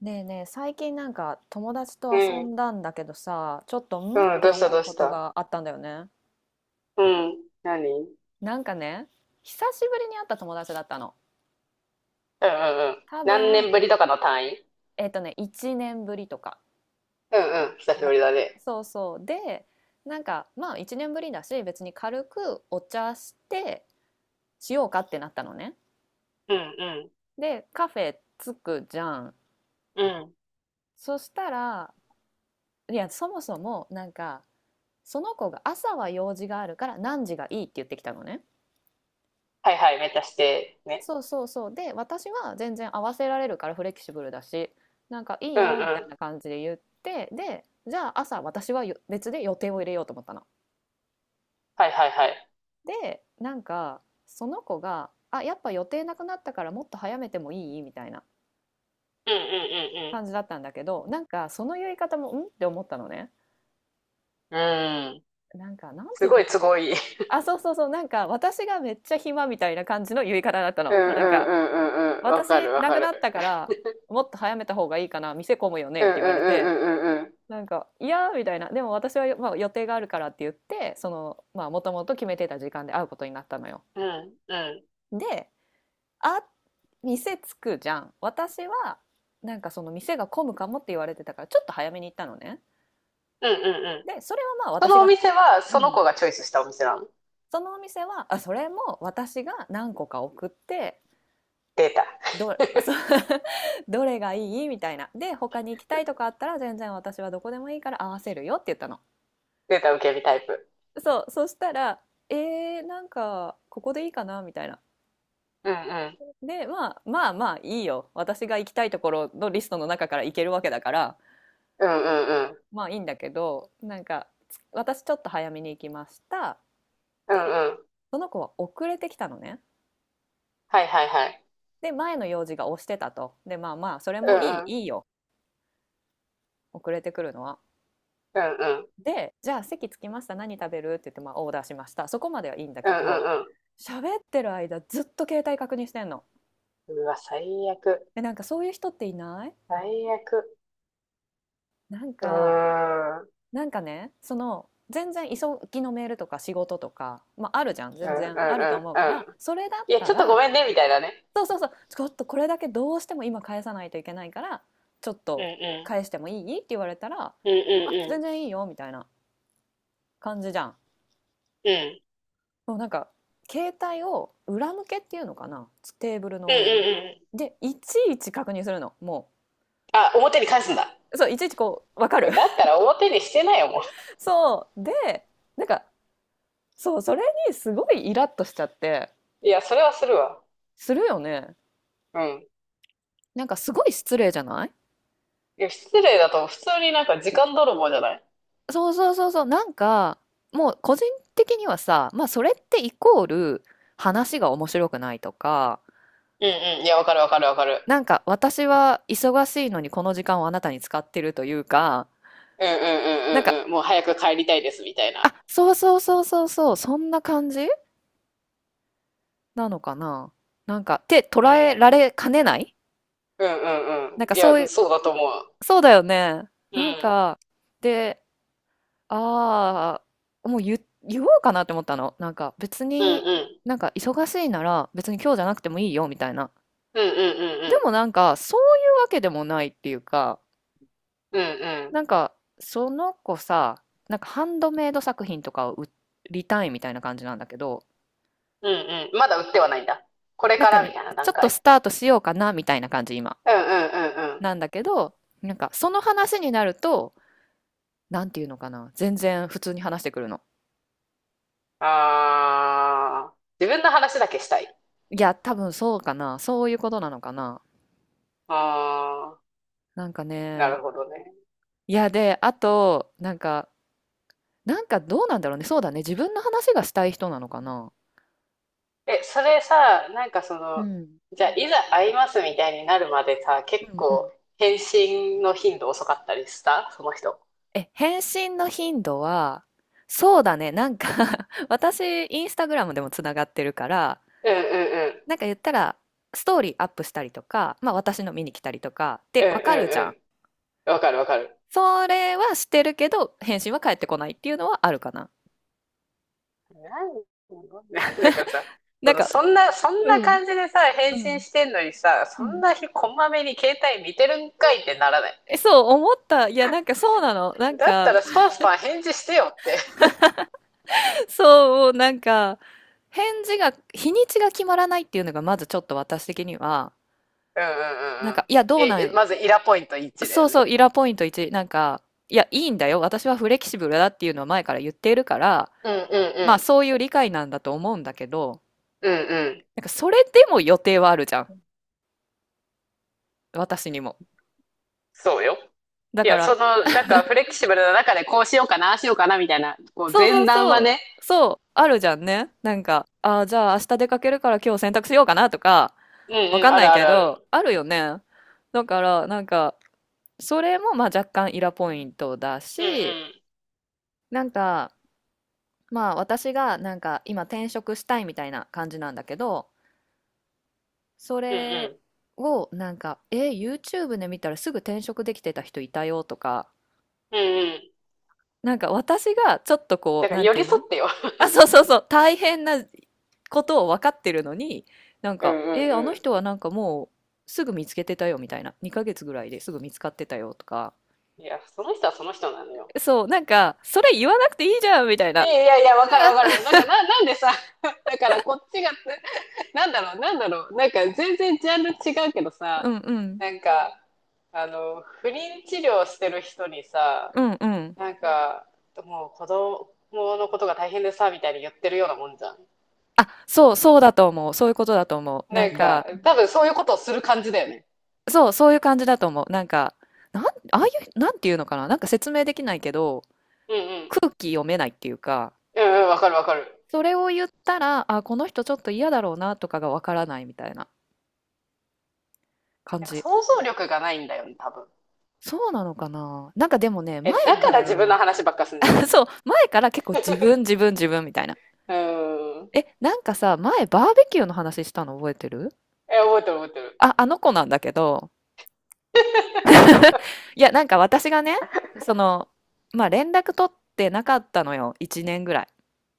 ねえねえ、最近友達うと遊ん。んだんだけどさ、ちょっとんっうん。てどうした思うどうこしとた。があったんだよね。うん。何？うんなんかね、久しぶりに会った友達だったの。うんうん。多何分、年ぶりとかの単位？1年ぶりとかうんうん。久しぶだ。りだね。そうそう。で、なんかまあ1年ぶりだし、別に軽くお茶してしようかってなったのね。うんで、カフェ着くじゃん。うん。うん。そしたら、いや、そもそもその子が朝は用事があるから何時がいいって言ってきたのね。はいはい。めっちゃして。ね。そうそうそう。で、私は全然合わせられるからフレキシブルだし、なんかいいうんよみたいうなん。感じで言って、で、じゃあ朝私はよ別で予定を入れようと思ったの。はいはいはい。で、なんかその子が、あ、やっぱ予定なくなったからもっと早めてもいいみたいなうんうん感じだったんだけど、なんかその言い方もんって思ったのね。うんうん。うん。なんかなんてす言っごてたいかすごいい。な。あ、そうそうそう。なんか私がめっちゃ暇みたいな感じの言い方だったうの。んうなんんかうんうんうん。わ私かるわなかくる。なったからもっと早めた方がいいかな、店混むよねっうんうてん言われて。うんうんうんうん。なんか「いや」みたいな、でも私は、まあ、予定があるからって言って、そのまあもともと決めてた時間で会うことになったのよ。うんうんで、あ、店着くじゃん。私はなんかその店が混むかもって言われてたからちょっと早めに行ったのね。うんうん。でそれはまあそ私のおが、店は、うそのん、子がチョイスしたお店なの？そのお店は、あ、それも私が何個か送って、データ。どそ う、どれがいいみたいな、で他に行きたいとかあったら全然私はどこでもいいから合わせるよって言ったの。データ受け身タイプ。そう、そしたら、なんか、ここでいいかなみたいな。うんうん。で、まあ、まあまあいいよ。私が行きたいところのリストの中から行けるわけだから、うんうんうん。まあいいんだけど、なんか、私ちょっと早めに行きました。うで、んうん。その子は遅れてきたのね。はいはいはい。で、前の用事が押してたと。で、まあまあ、それうもいい、んいいよ。遅れてくるのは。うんうん。で、じゃあ席着きました。何食べるって言って、まあオーダーしました。そこまではいいんだうんけうど、んう喋ってる間ずっと携帯確認してんの。ん。うわ、最悪。で、なんかそういう人っていない？最悪。なんうか、ーん。なんかね、その全然急ぎのメールとか仕事とか、まあ、あるじゃん、うん全うん然あると思ううかんうらん。それだっいや、たちょっとごら、めんね、みたいなね。そうそうそう、ちょっとこれだけどうしても今返さないといけないからちょっうんとう返ん。してもいいって言われたら、うんうんあ、う全ん。然いいよみたいな感じじゃん。うん。もうなんか携帯を裏向けっていうのかな、テーブルうんのうん上に。うん。でいちいち確認するのも、あ、表に返すんだ。う、そう、いちいちこう、わかもる？ うだったら表にしてないよ、もう。そうで、なんかそう、それにすごいイラッとしちゃって。いや、それはするわ。するよね。うん。なんかすごい失礼じゃない？いや、失礼だと、普通になんか時間泥棒じゃない？そうそうそうそう、なんか、もう個人的にはさ、まあそれってイコール話が面白くないとか、うんうん。いや、わかるわかるわかる。なんか私は忙しいのにこの時間をあなたに使ってるというか、うんうんうんなんか、うんうん。もう早く帰りたいです、みたいな。あ、そうそうそうそうそう、そんな感じなのかな。なんか、ってう捉えらん。れかねない。うんうんなんうかん。いそういや、う、そうだと思う。そうだよね。うなんん。か、で、あもう言おうかなって思ったの。なんか別うんうに、え、ん。なんか忙しいなら別に今日じゃなくてもいいよみたいな。うんでうんもなんかそういうわけでもないっていうか、うんうん。うんうん。なんかその子さ、なんかハンドメイド作品とかを売りたいみたいな感じなんだけど、うんうん。まだ売ってはないんだ。これなんかからみね、たいなちょ段っとス階。タートしようかなみたいな感じ今。うんうんうんうなんん。だけど、なんかその話になると、なんていうのかな、全然普通に話してくるの。ああ、自分の話だけしたい。いや、多分そうかな、そういうことなのかな。ああ、なんかなね、るほどね。いや、で、あと、なんか、なんかどうなんだろうね。そうだね。自分の話がしたい人なのかな。え、それさ、なんかそうの、ん。じゃあ、いざ会いますみたいになるまでさ、う結んうん。構、返信の頻度遅かったりしたその人？え、返信の頻度は、そうだね。なんか 私、インスタグラムでもつながってるから、うんうんうん。なんか言ったら、ストーリーアップしたりとか、まあ私の見に来たりとか、うで、んうわかるじんゃん。うん。わかるわかる。それはしてるけど、返信は返ってこないっていうのはあるかな。なん、なだからさ、なそんの、か、そんな、そんうなん、感じでさ、返う信ん、してんのにさ、うそんん。な日こまめに携帯見てるんかいってならない？え、そう、思った。いや、なんかそうなの。なんだったか、らスパンスパン返事してよって。そう、なんか、返事が、日にちが決まらないっていうのが、まずちょっと私的には、うんうんなんうんうか、ん。いや、どうなえ、ん、まずイラポイント1だそようそね。う、イラポイント1、なんか、いや、いいんだよ、私はフレキシブルだっていうのは前から言っているから、うんまあ、うんそういう理解なんだと思うんだけど、うん。うんうん。なんか、それでも予定はあるじゃん、私にも。そうよ。だいかや、そら、の、なんかフレキシブルな中でこうしようかな、ああしようかなみたいな、こうそうそ前う段そはう、ね。そう、あるじゃんね。なんか、ああ、じゃあ明日出かけるから今日洗濯しようかなとか、うわんうん、かんあなるいあけるあど、る。あるよね。だから、なんか、それもまあ若干イラポイントだうんうし、ん。なんかまあ私がなんか今転職したいみたいな感じなんだけど、そうんうれん。をなんか、え、YouTube で見たらすぐ転職できてた人いたよとか、うんうん。なんか私がちょっとこだう、からなん寄ていりう添の？ ってよ。あ、そうそうそう、大変なことを分かってるのに、なんうんか、うえ、あのんう人はなんかもうすぐ見つけてたよみたいな、2ヶ月ぐらいですぐ見つかってたよとか、ん。いや、その人はその人なのよ。そう、なんか、それ言わなくていいじゃんみたいいな。やいやいや、わかるわかる。だからな、なんでさ、だからこっちが、なんだろう、なんだろう、なんか全然ジャンル違うけどうさ、んうん。なんか、あの、不妊治療してる人にさ、うんうん。なんか、もう子供のことが大変でさ、みたいに言ってるようなもんじゃん。あ、そう、そうだと思う。そういうことだと思う。ななんんか、か、多分そういうことをする感じだよね。そう、そういう感じだと思う。なんか、ああいう、なんていうのかな。なんか説明できないけど、うんうん。空気読めないっていうか、うんうん、わかるわかる。それを言ったら、あ、この人ちょっと嫌だろうなとかがわからないみたいな感なんかじ。想像力がないんだよね、多分。そうなのかな。なんかでもね、前え、だかからら、自分の話ばっかすんじゃな いの？ そう、前から結構自分みたいな。うーん。え、なんかさ、前バーベキューの話したの覚えてる？え、覚えてる覚えてる。あ、あの子なんだけど、いや、なんか私がね、その、まあ連絡取ってなかったのよ。1年ぐら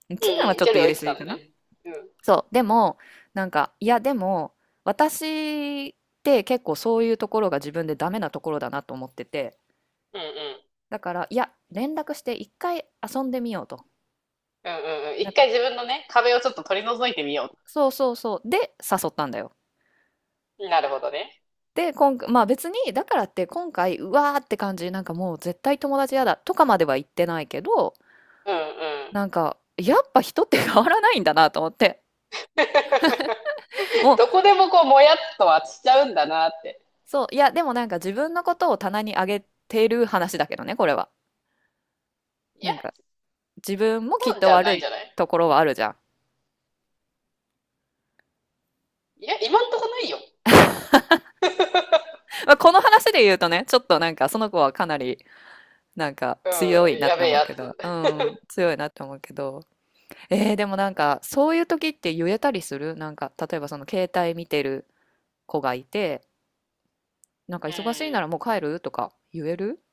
い。う1年はんうん、ちょっ距と離を言置いいてすたぎのかな。ね。うん。うんそう。でも、なんか、いや、でも、私って結構そういうところが自分でダメなところだなと思ってて。うん。だから、いや、連絡して一回遊んでみようと。うんうんうん。なん一か、回自分のね、壁をちょっと取り除いてみよそうそうそう。で、誘ったんだよ。う。なるほどね。で、今回、まあ別に、だからって今回、うわーって感じ、なんかもう絶対友達嫌だとかまでは言ってないけど、うんうん。なんか、やっぱ人って変わらないんだなと思って。もどう、こでもこう、もやっとはしちゃうんだなって。そう、いや、でもなんか自分のことを棚に上げてる話だけどね、これは。いや、なんか、自分もきっそうじとゃない悪んじいゃない？ところはあるじゃん。いや、今んとこないよ。まあ、この話で言うとね、ちょっとなんか、その子はかなり、なんか、う強いん、なっやてべえ思うやけど、うつ。ん、強いなって思うけど。でもなんか、そういう時って言えたりする、なんか、例えばその携帯見てる子がいて、なんかう忙しいなん。らもう帰るとか言える。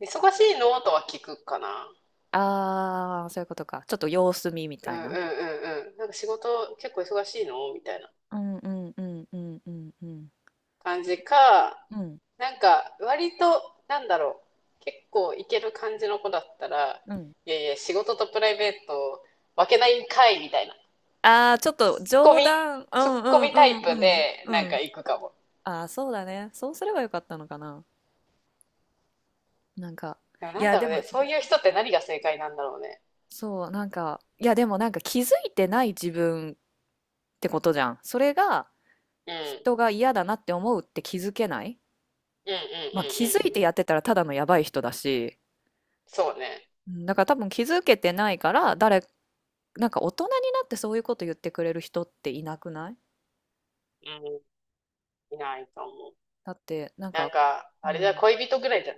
忙しいのとは聞くかな。あー、そういうことか。ちょっと様子見みうたいんうんうな。んうん。なんか仕事結構忙しいの、みたいな。うんうんうんうんうんうん。感じか、うん。なんか割と、なんだろう、結構いける感じの子だったら、うん。いやいや、仕事とプライベート分けないんかいみたいな、ああ、ちょっツッとコ冗ミ、談。うツッんコうミタイんうプんうん。でうなんん。か行くかも。ああ、そうだね。そうすればよかったのかな。なんか、でもいなんや、だでろうも、ね、そういう人って何が正解なんだろうね。そう、なんか、いや、でもなんか気づいてない自分ってことじゃん。それがうん、う人が嫌だなって思うって気づけない。ん、うん、うん、まあ気うづん。いてやってたらただのやばい人だし、そうね。うん、だから多分気づけてないから、誰、なんか大人になってそういうこと言ってくれる人っていなくない？うん、いないと思う。だって、なんなんか、か、うあれだ、ん。恋人ぐらいじゃん。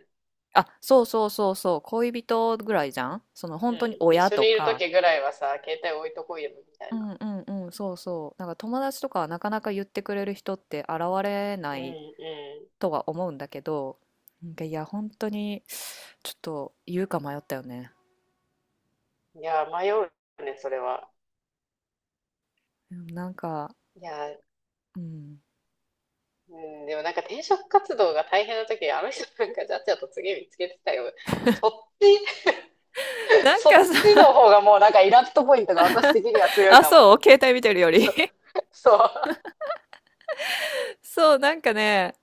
あ、そうそうそうそう、恋人ぐらいじゃん、そのう本当にん、一親緒とにいるか。時ぐらいはさ、携帯置いとこうよみたういな。んうんうん、そうそう。なんか友達とかはなかなか言ってくれる人って現れうなん、いうとは思うんだけど、なんかいや、本当にちょっと言うか迷ったよね。ん。いや、迷うね、それは。うん、なんか、いやー、うん。うん、でもなんか転職活動が大変な時、あの人なんかじゃっちゃと次見つけてたよ。そっち、なんそっかちのさ、方がもうなんかイラッとポイントが私的には 強いあ、かも。そう、携帯見てるより。 そう。そう。そう、なんかね、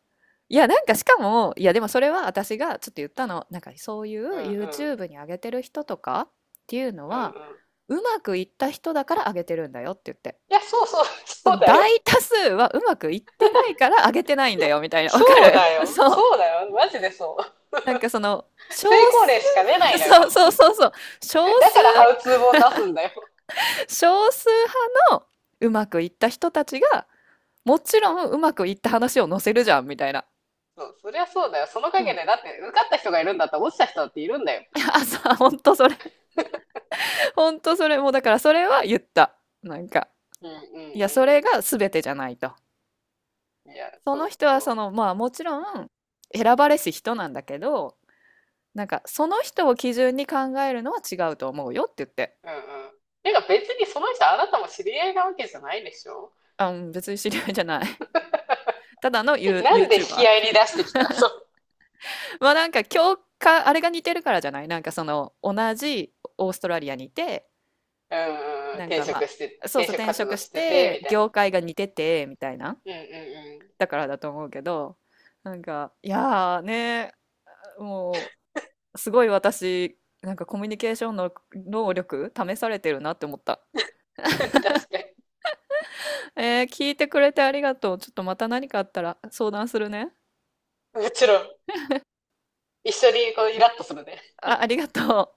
いや、なんかしかも、いや、でもそれは私がちょっと言ったの。なんかそういうんう うん。YouTube に上げてる人とかっていうのうんうは、ん。うまくいった人だから上げてるんだよって言って。いや、そうそう、そそうのだよ。大多数はうまくいってないから上げてないんだよみたいな。わそかうる？ だ よ。そう。そうだよ。マジでそう。なんかその、少成功例しか出な数。 いのそうよ。そうそうそう。少だ数、からハウツー本出すんだよ。少数派のうまくいった人たちが、もちそう。ろんうまくいった話を載せるじゃんみたいな。そう。そりゃそうだよ。そのそ陰う。で、だって受かった人がいるんだったら落ちた人だっているんだよ。あ、そう、本当それ。ほんとそれ、もうだからそれは言った。なんか、うんういや、それんが全てじゃないと。うん。いや、そそのう人はそそう。の、まあもちろん選ばれし人なんだけど、なんかその人を基準に考えるのは違うと思うよって言って。うんうん。てか別にその人あなたも知り合いなわけじゃないでしょ？ あ、うん、別に知り合いじゃない。ただのユ ー、なんで引き合いに出し YouTuber。てきた？ そう。まあなんか共感、あれが似てるからじゃない？なんかその同じオーストラリアにいて、うんうん。なん転かま職して、あ、そう転そう、職転活職動ししてて、て、みたいな。業界が似てて、みたいな。うんうんうん。だからだと思うけど、なんか、いやーね、もう、すごい私、なんかコミュニケーションの能力試されてるなって思った。確かに。えー、聞いてくれてありがとう。ちょっとまた何かあったら相談するね。もちろん。一緒にこうイラッとするね。あ、ありがとう。